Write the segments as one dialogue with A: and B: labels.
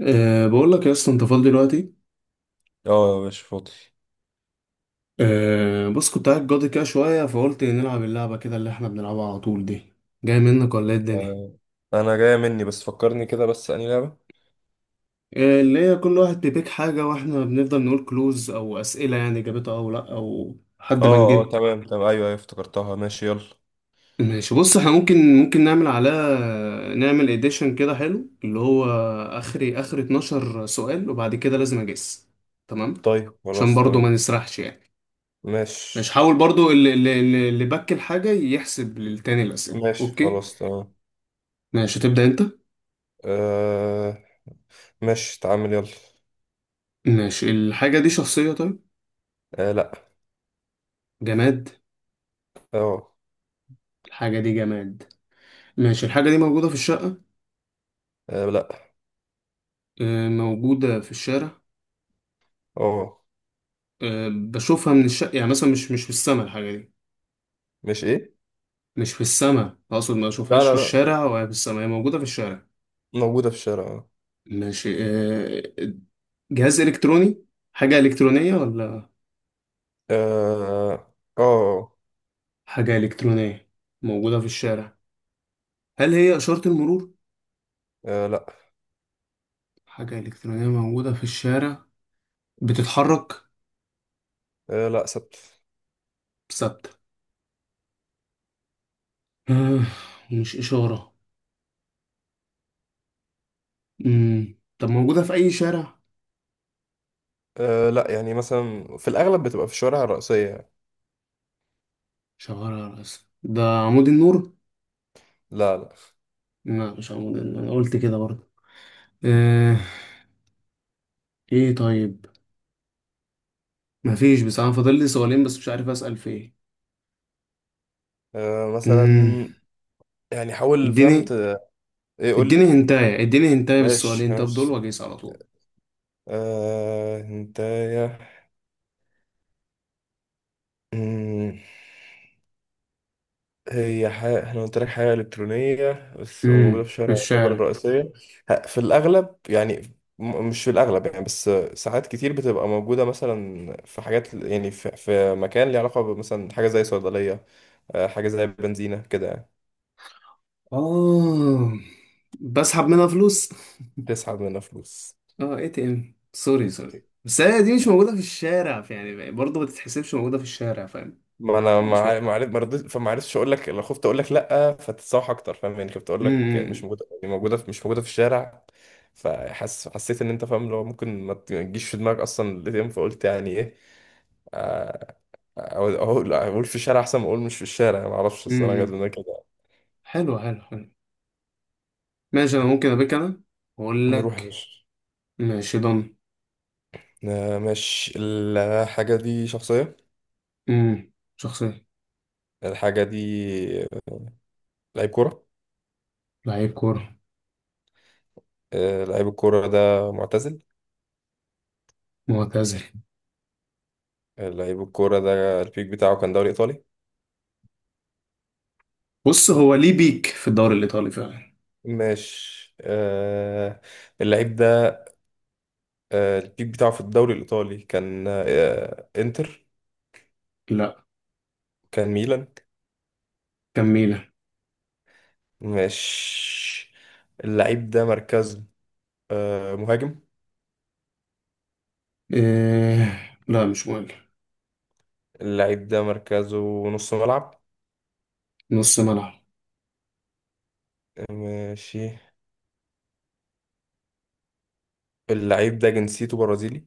A: بقول لك يا اسطى، انت فاضي دلوقتي؟
B: اه مش فاضي.
A: بص، كنت قاعد جاضي كده شويه فقلت نلعب اللعبه كده اللي احنا بنلعبها على طول دي. جاي منك ولا ايه الدنيا؟
B: آه، انا جاية مني بس فكرني كده بس اني لعبة.
A: اللي هي كل واحد بيبيك حاجه، واحنا بنفضل نقول كلوز او اسئله، يعني جابتها او لا او حد
B: اه
A: ما
B: اه
A: نجيبها.
B: تمام تمام، ايوه ايوه افتكرتها، ماشي يلا.
A: ماشي، بص احنا ممكن، ممكن نعمل على، نعمل اديشن كده حلو، اللي هو اخري اخر 12 سؤال، وبعد كده لازم اجس. تمام.
B: طيب
A: عشان
B: خلاص
A: برضو ما
B: تمام.
A: نسرحش يعني. ماشي،
B: ماشي
A: حاول برضو اللي بك الحاجة يحسب للتاني الأسئلة.
B: ماشي
A: أوكي،
B: خلاص تمام.
A: ماشي، هتبدأ أنت.
B: آه ماشي تعامل يلا.
A: ماشي، الحاجة دي شخصية؟ طيب،
B: آه لا.
A: جماد.
B: اه.
A: الحاجة دي جماد. ماشي، الحاجة دي موجودة في الشقة؟
B: آه، لا.
A: آه، موجودة في الشارع.
B: اه
A: آه، بشوفها من الشقة يعني، مثلا مش في السماء الحاجة دي؟
B: مش ايه.
A: مش في السماء، أقصد ما
B: لا
A: أشوفهاش في
B: لا لا،
A: الشارع ولا في السماء، هي موجودة في الشارع.
B: موجودة في الشارع.
A: ماشي. آه، جهاز إلكتروني؟ حاجة إلكترونية ولا؟
B: اه اه آه،.
A: حاجة إلكترونية موجودة في الشارع. هل هي إشارة المرور؟
B: آه، لا.
A: حاجة إلكترونية موجودة في الشارع. بتتحرك؟
B: آه لا ثابت.
A: ثابتة. آه، ومش إشارة. مم. طب موجودة في أي شارع؟
B: آه لا، يعني مثلا في الاغلب بتبقى في الشوارع الرئيسية يعني.
A: شغالة على الأسف ده؟ عمود النور؟
B: لا لا.
A: لا، مش عمود النور، أنا قلت كده برضه. آه. إيه طيب؟ مفيش، بس أنا فاضل لي سؤالين بس مش عارف أسأل في إيه.
B: آه مثلا،
A: مم.
B: يعني حاول
A: اديني،
B: فهمت. ايه قول
A: اديني
B: لي.
A: هنتاية، اديني هنتاية
B: ماشي
A: بالسؤالين طب دول
B: ماشي.
A: وأجيس على طول.
B: آه انت يا. مم. هي حاجة احنا قلت لك حاجة إلكترونية بس وموجودة في
A: في
B: الشارع، يعتبر
A: الشارع.
B: الرئيسية. في الأغلب يعني، مش في الأغلب يعني بس ساعات كتير بتبقى موجودة مثلا في حاجات، يعني في مكان ليه علاقة، مثلا حاجة زي صيدلية، آه، حاجة زي بنزينة كده يعني.
A: آه، بسحب منها فلوس.
B: تسحب منها فلوس.
A: اه، اي تي ام. سوري سوري، بس هي دي مش موجودة في الشارع يعني، برضه ما تتحسبش موجودة في الشارع، فاهم؟
B: ما انا ما
A: مش
B: عارف،
A: موجودة.
B: ما رضيت فما عرفتش اقول لك، لو خفت اقول لك لا فتتصاح اكتر، فاهم يعني؟ كنت اقول لك
A: امم
B: مش موجوده يعني موجوده في، مش موجوده في الشارع. حسيت ان انت فاهم، لو ممكن ما تجيش في دماغك اصلا الاي تي ام، فقلت يعني ايه. آه، اقول اقول أقول في الشارع احسن ما اقول مش في الشارع، ما اعرفش الصراحه جت
A: امم
B: لنا كده.
A: حلو حلو حلو. ماشي، انا ممكن ابيك انا واقول
B: نروح يا
A: لك.
B: باشا.
A: ماشي، ضن.
B: آه، ماشي. الحاجه دي شخصيه.
A: امم شخصية.
B: الحاجه دي لعيب كوره.
A: لعيب كورة.
B: آه، لعيب الكوره ده معتزل.
A: معتزل.
B: آه، لعيب الكوره ده البيك بتاعه كان دوري ايطالي.
A: بص، هو ليه بيك في الدوري الايطالي فعلا.
B: ماشي آه. اللعيب ده آه البيك بتاعه في الدوري الإيطالي كان آه إنتر.
A: لا،
B: كان ميلان.
A: كميلة.
B: ماشي. اللعيب ده مركزه آه مهاجم.
A: إيه لا مش مهم.
B: اللعيب ده مركزه نص ملعب.
A: نص ملعب.
B: ماشي. اللعيب ده جنسيته برازيلي.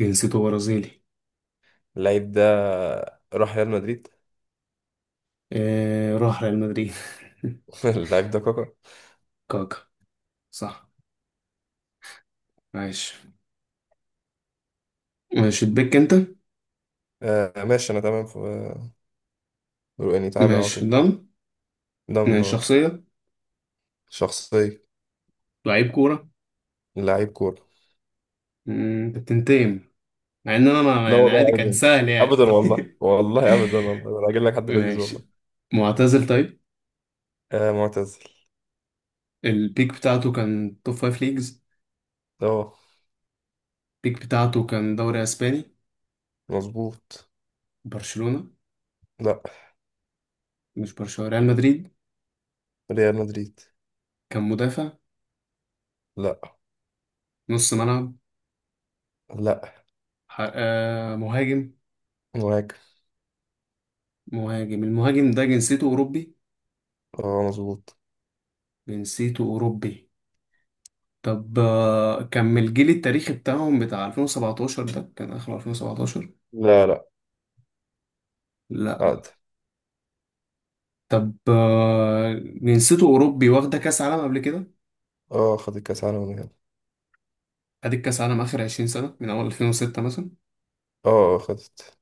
A: جنسيته برازيلي.
B: اللعيب ده راح ريال مدريد.
A: إيه راح ريال مدريد.
B: اللعيب ده كاكا.
A: كاكا. صح. عايش. ماشي، تبيك انت.
B: آه ماشي، أنا تمام في، يعني تمام على
A: ماشي،
B: طول.
A: دم.
B: ده
A: ماشي،
B: من-
A: شخصية.
B: شخصية.
A: لعيب كورة.
B: لعيب كورة.
A: مم، انت بتنتقم، مع ان انا ما
B: لا
A: يعني
B: والله
A: عادي، كان
B: ابدا.
A: سهل يعني.
B: ابدا والله، والله ابدا، والله انا هجيب لك حد لذيذ
A: ماشي،
B: والله.
A: معتزل طيب.
B: آه معتزل.
A: البيك بتاعته كان توب فايف ليجز.
B: اه
A: البيك بتاعته كان دوري اسباني.
B: مظبوط.
A: برشلونة؟
B: لا،
A: مش برشلونة، ريال مدريد.
B: ريال مدريد.
A: كان مدافع؟
B: لا.
A: نص ملعب؟
B: لا
A: آه مهاجم.
B: مهاجم.
A: مهاجم. المهاجم ده جنسيته اوروبي.
B: اه مظبوط.
A: جنسيته اوروبي. طب آه، كان من الجيل التاريخي بتاعهم، بتاع 2017 ده، كان اخر 2017.
B: لا. لا عقد.
A: طب آه، جنسيته أوروبي واخدة كأس عالم قبل كده.
B: اه خدت كاس عالم من هنا.
A: أديك كأس عالم آخر 20 سنة، من أول 2006 مثلا.
B: اه. آه، خدت.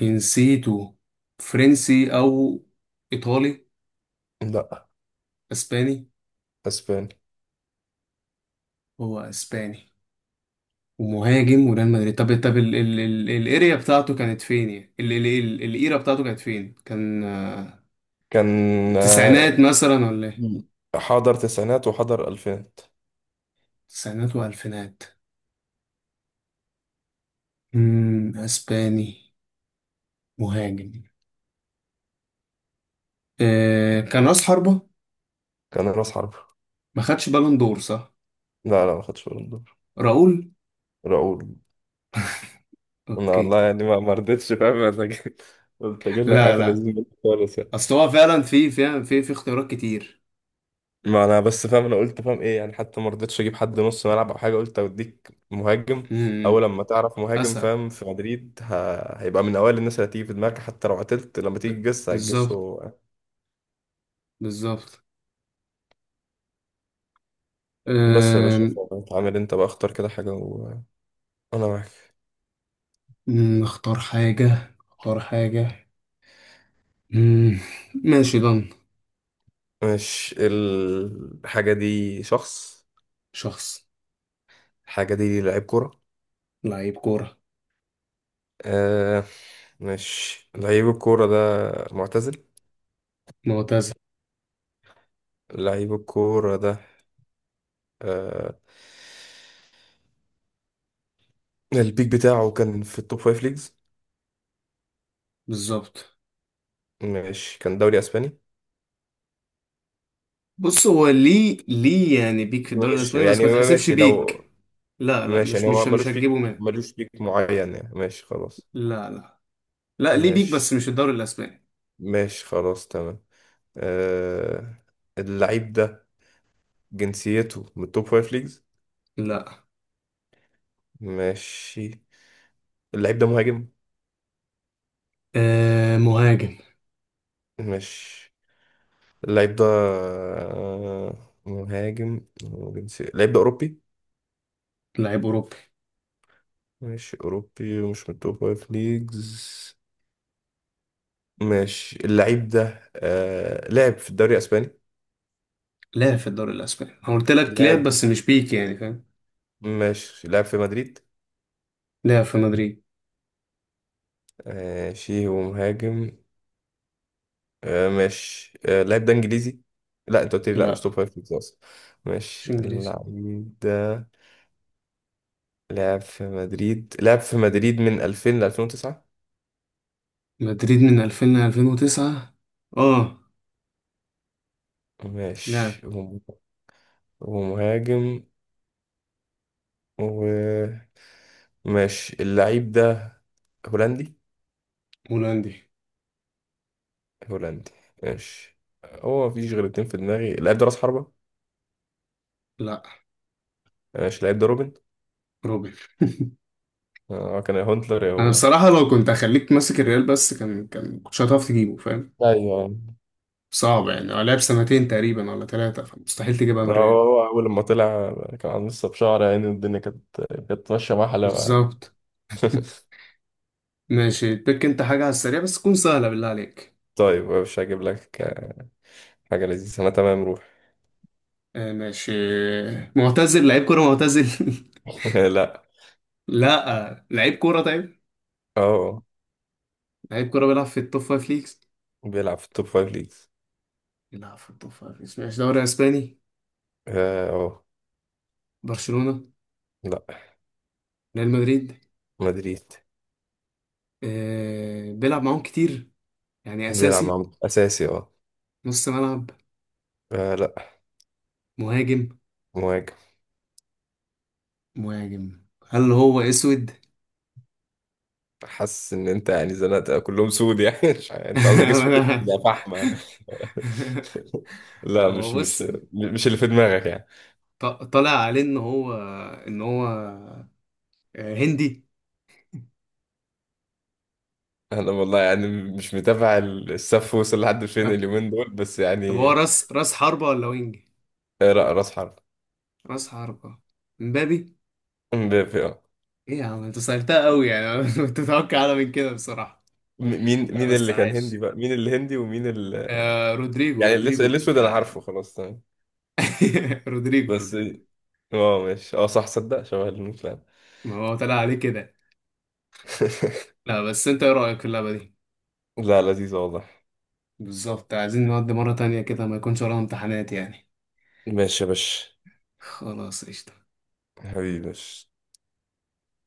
A: جنسيته فرنسي أو إيطالي؟
B: لا.
A: أسباني.
B: اسباني.
A: هو أسباني، ومهاجم، وريال مدريد. طب الاريا بتاعته كانت فين يعني، الإيرا بتاعته كانت فين، كان آه،
B: كان آه،
A: التسعينات مثلا ولا إيه؟
B: حضر تسعينات وحضر الفينات.
A: تسعينات وألفينات. أسباني، مهاجم، آه، كان رأس حربة.
B: كان راس حرب.
A: ما خدش بالون دور، صح؟
B: لا لا ما خدش بالون دور.
A: راؤول.
B: راؤول. انا
A: اوكي.
B: والله يعني ما رضيتش فاهم، قلت اجيب لك
A: لا
B: حافل
A: لا،
B: لذيذ خالص يعني.
A: اصل هو فعلا في اختيارات كتير.
B: ما انا بس فاهم، انا قلت فاهم ايه يعني، حتى ما رضيتش اجيب حد نص ملعب او حاجه، قلت اوديك مهاجم. اول
A: امم
B: لما تعرف مهاجم
A: اسهل.
B: فاهم في مدريد ه... هيبقى من اوائل الناس اللي هتيجي في دماغك، حتى لو عتلت لما تيجي
A: ب-
B: تجس
A: بالظبط،
B: هتجسه.
A: بالظبط.
B: بس يا باشا،
A: أم،
B: انت عامل، انت بقى اختار كده حاجه وانا معاك.
A: اختار حاجة، اختار حاجة. أم، ماشي، ضن.
B: مش الحاجه دي شخص.
A: شخص.
B: الحاجه دي لعيب كوره.
A: لعيب كورة.
B: آه. مش لعيب الكوره ده معتزل.
A: معتزل.
B: لعيب الكوره ده آه البيك بتاعه كان في التوب فايف ليجز.
A: بالظبط.
B: ماشي كان دوري اسباني.
A: بص، هو ليه، ليه يعني بيك في الدوري
B: ماشي
A: الاسباني، بس
B: يعني
A: ما تحسبش
B: ماشي
A: بيك.
B: لو.
A: لا لا،
B: ماشي
A: مش
B: يعني
A: مش
B: هو
A: مش
B: ملوش
A: هتجيبه
B: بيك،
A: منه.
B: ملوش بيك معين يعني، ماشي خلاص.
A: لا لا، لا ليه بيك بس
B: ماشي.
A: مش الدوري الاسباني.
B: ماشي خلاص تمام. آه. اللعيب ده جنسيته من التوب فايف ليجز.
A: لا،
B: ماشي. اللعيب ده مهاجم.
A: أه مهاجم.
B: ماشي. اللعيب ده آه مهاجم، وجنسية اللعيب ده أوروبي.
A: لعيب اوروبا.
B: ماشي أوروبي ومش من التوب فايف ليجز. ماشي، اللاعب ده آه لعب في الدوري الاسباني.
A: لعب في الدوري الاسباني، انا قلت لك لعب،
B: لعب.
A: بس مش بيك يعني فاهم.
B: ماشي لعب في مدريد.
A: لعب في مدريد.
B: ماشي ومهاجم. آه ماشي. آه اللاعب ده انجليزي. لا انت قلت لي لا مش توب
A: لا،
B: فايف ليجز اصلا.
A: مش
B: ماشي.
A: انجليزي.
B: اللاعب ده لعب في مدريد، لعب في مدريد من 2000 ل 2009.
A: مدريد من 2000 ل 2009. اه لعب.
B: ماشي، ومهاجم، وماشي. اللاعب ده هولندي.
A: هولندي.
B: هولندي. ماشي. هو مفيش غير اتنين في دماغي، اللاعب ده راس حربة.
A: لا،
B: ماشي. اللاعب ده روبن.
A: روبن.
B: آه، كان هونتلر
A: انا
B: هو.
A: بصراحه لو كنت هخليك ماسك الريال بس، كان كنتش هتعرف تجيبه فاهم.
B: ايوه.
A: صعب يعني، هو لعب سنتين تقريبا ولا ثلاثه، فمستحيل تجيبها من
B: لا، هو
A: الريال.
B: هو أول لما طلع كان عن لسه بشعر يعني، الدنيا كانت، كانت ماشية مع حلاوة.
A: بالظبط. ماشي، تك انت حاجه على السريع بس تكون سهله بالله عليك.
B: طيب مش هجيب لك حاجة لذيذة، أنا تمام روح.
A: آه ماشي. معتزل. لعيب كوره معتزل.
B: لا.
A: لا، لعيب كوره طيب.
B: اه
A: لعيب كرة بيلعب في التوب فايف ليجز.
B: بيلعب في التوب فايف ليجز.
A: بيلعب في التوب فايف ليجز. ماشي. دوري اسباني.
B: اه آه.
A: برشلونة؟
B: لا
A: ريال مدريد.
B: مدريد.
A: آه بيلعب معاهم كتير يعني،
B: بيلعب
A: اساسي.
B: مع أساسي اه.
A: نص ملعب؟
B: آه، لا.
A: مهاجم.
B: مهاجم.
A: مهاجم. هل هو اسود؟
B: حاسس إن أنت يعني زنقت كلهم سود يعني. مش عارف، أنت قصدك اسمه إيه؟
A: أنا
B: ده فحمة. لا
A: هو
B: مش
A: بص،
B: مش مش اللي في دماغك يعني.
A: طالع عليه ان هو، ان هو، آه، هندي.
B: انا والله يعني مش متابع السف وصل لحد فين
A: طب،
B: اليومين دول بس
A: هو
B: يعني.
A: راس حربة ولا وينج؟
B: اقرا راس حرب.
A: راس حربة. مبابي؟
B: آه.
A: ايه يا عم انت صيرتها قوي يعني. كنت متوقع اعلى من كده بصراحة.
B: مين
A: لا
B: مين
A: بس،
B: اللي كان هندي؟
A: عايش.
B: بقى مين الهندي ومين ال...
A: آه رودريجو،
B: يعني
A: رودريجو
B: الاسود
A: بيطلع
B: انا
A: علينا.
B: عارفه خلاص تمام
A: رودريجو،
B: بس.
A: رودريجو.
B: اه ماشي، اه صح صدق شبه المين فعلا.
A: ما هو طلع عليه كده. لا بس انت ايه رأيك في اللعبة دي؟
B: لا لذيذ واضح.
A: بالظبط، عايزين نودي مرة تانية كده ما يكونش ورانا امتحانات يعني.
B: ماشي يا باشا.
A: خلاص قشطة.
B: حبيبي يا باشا.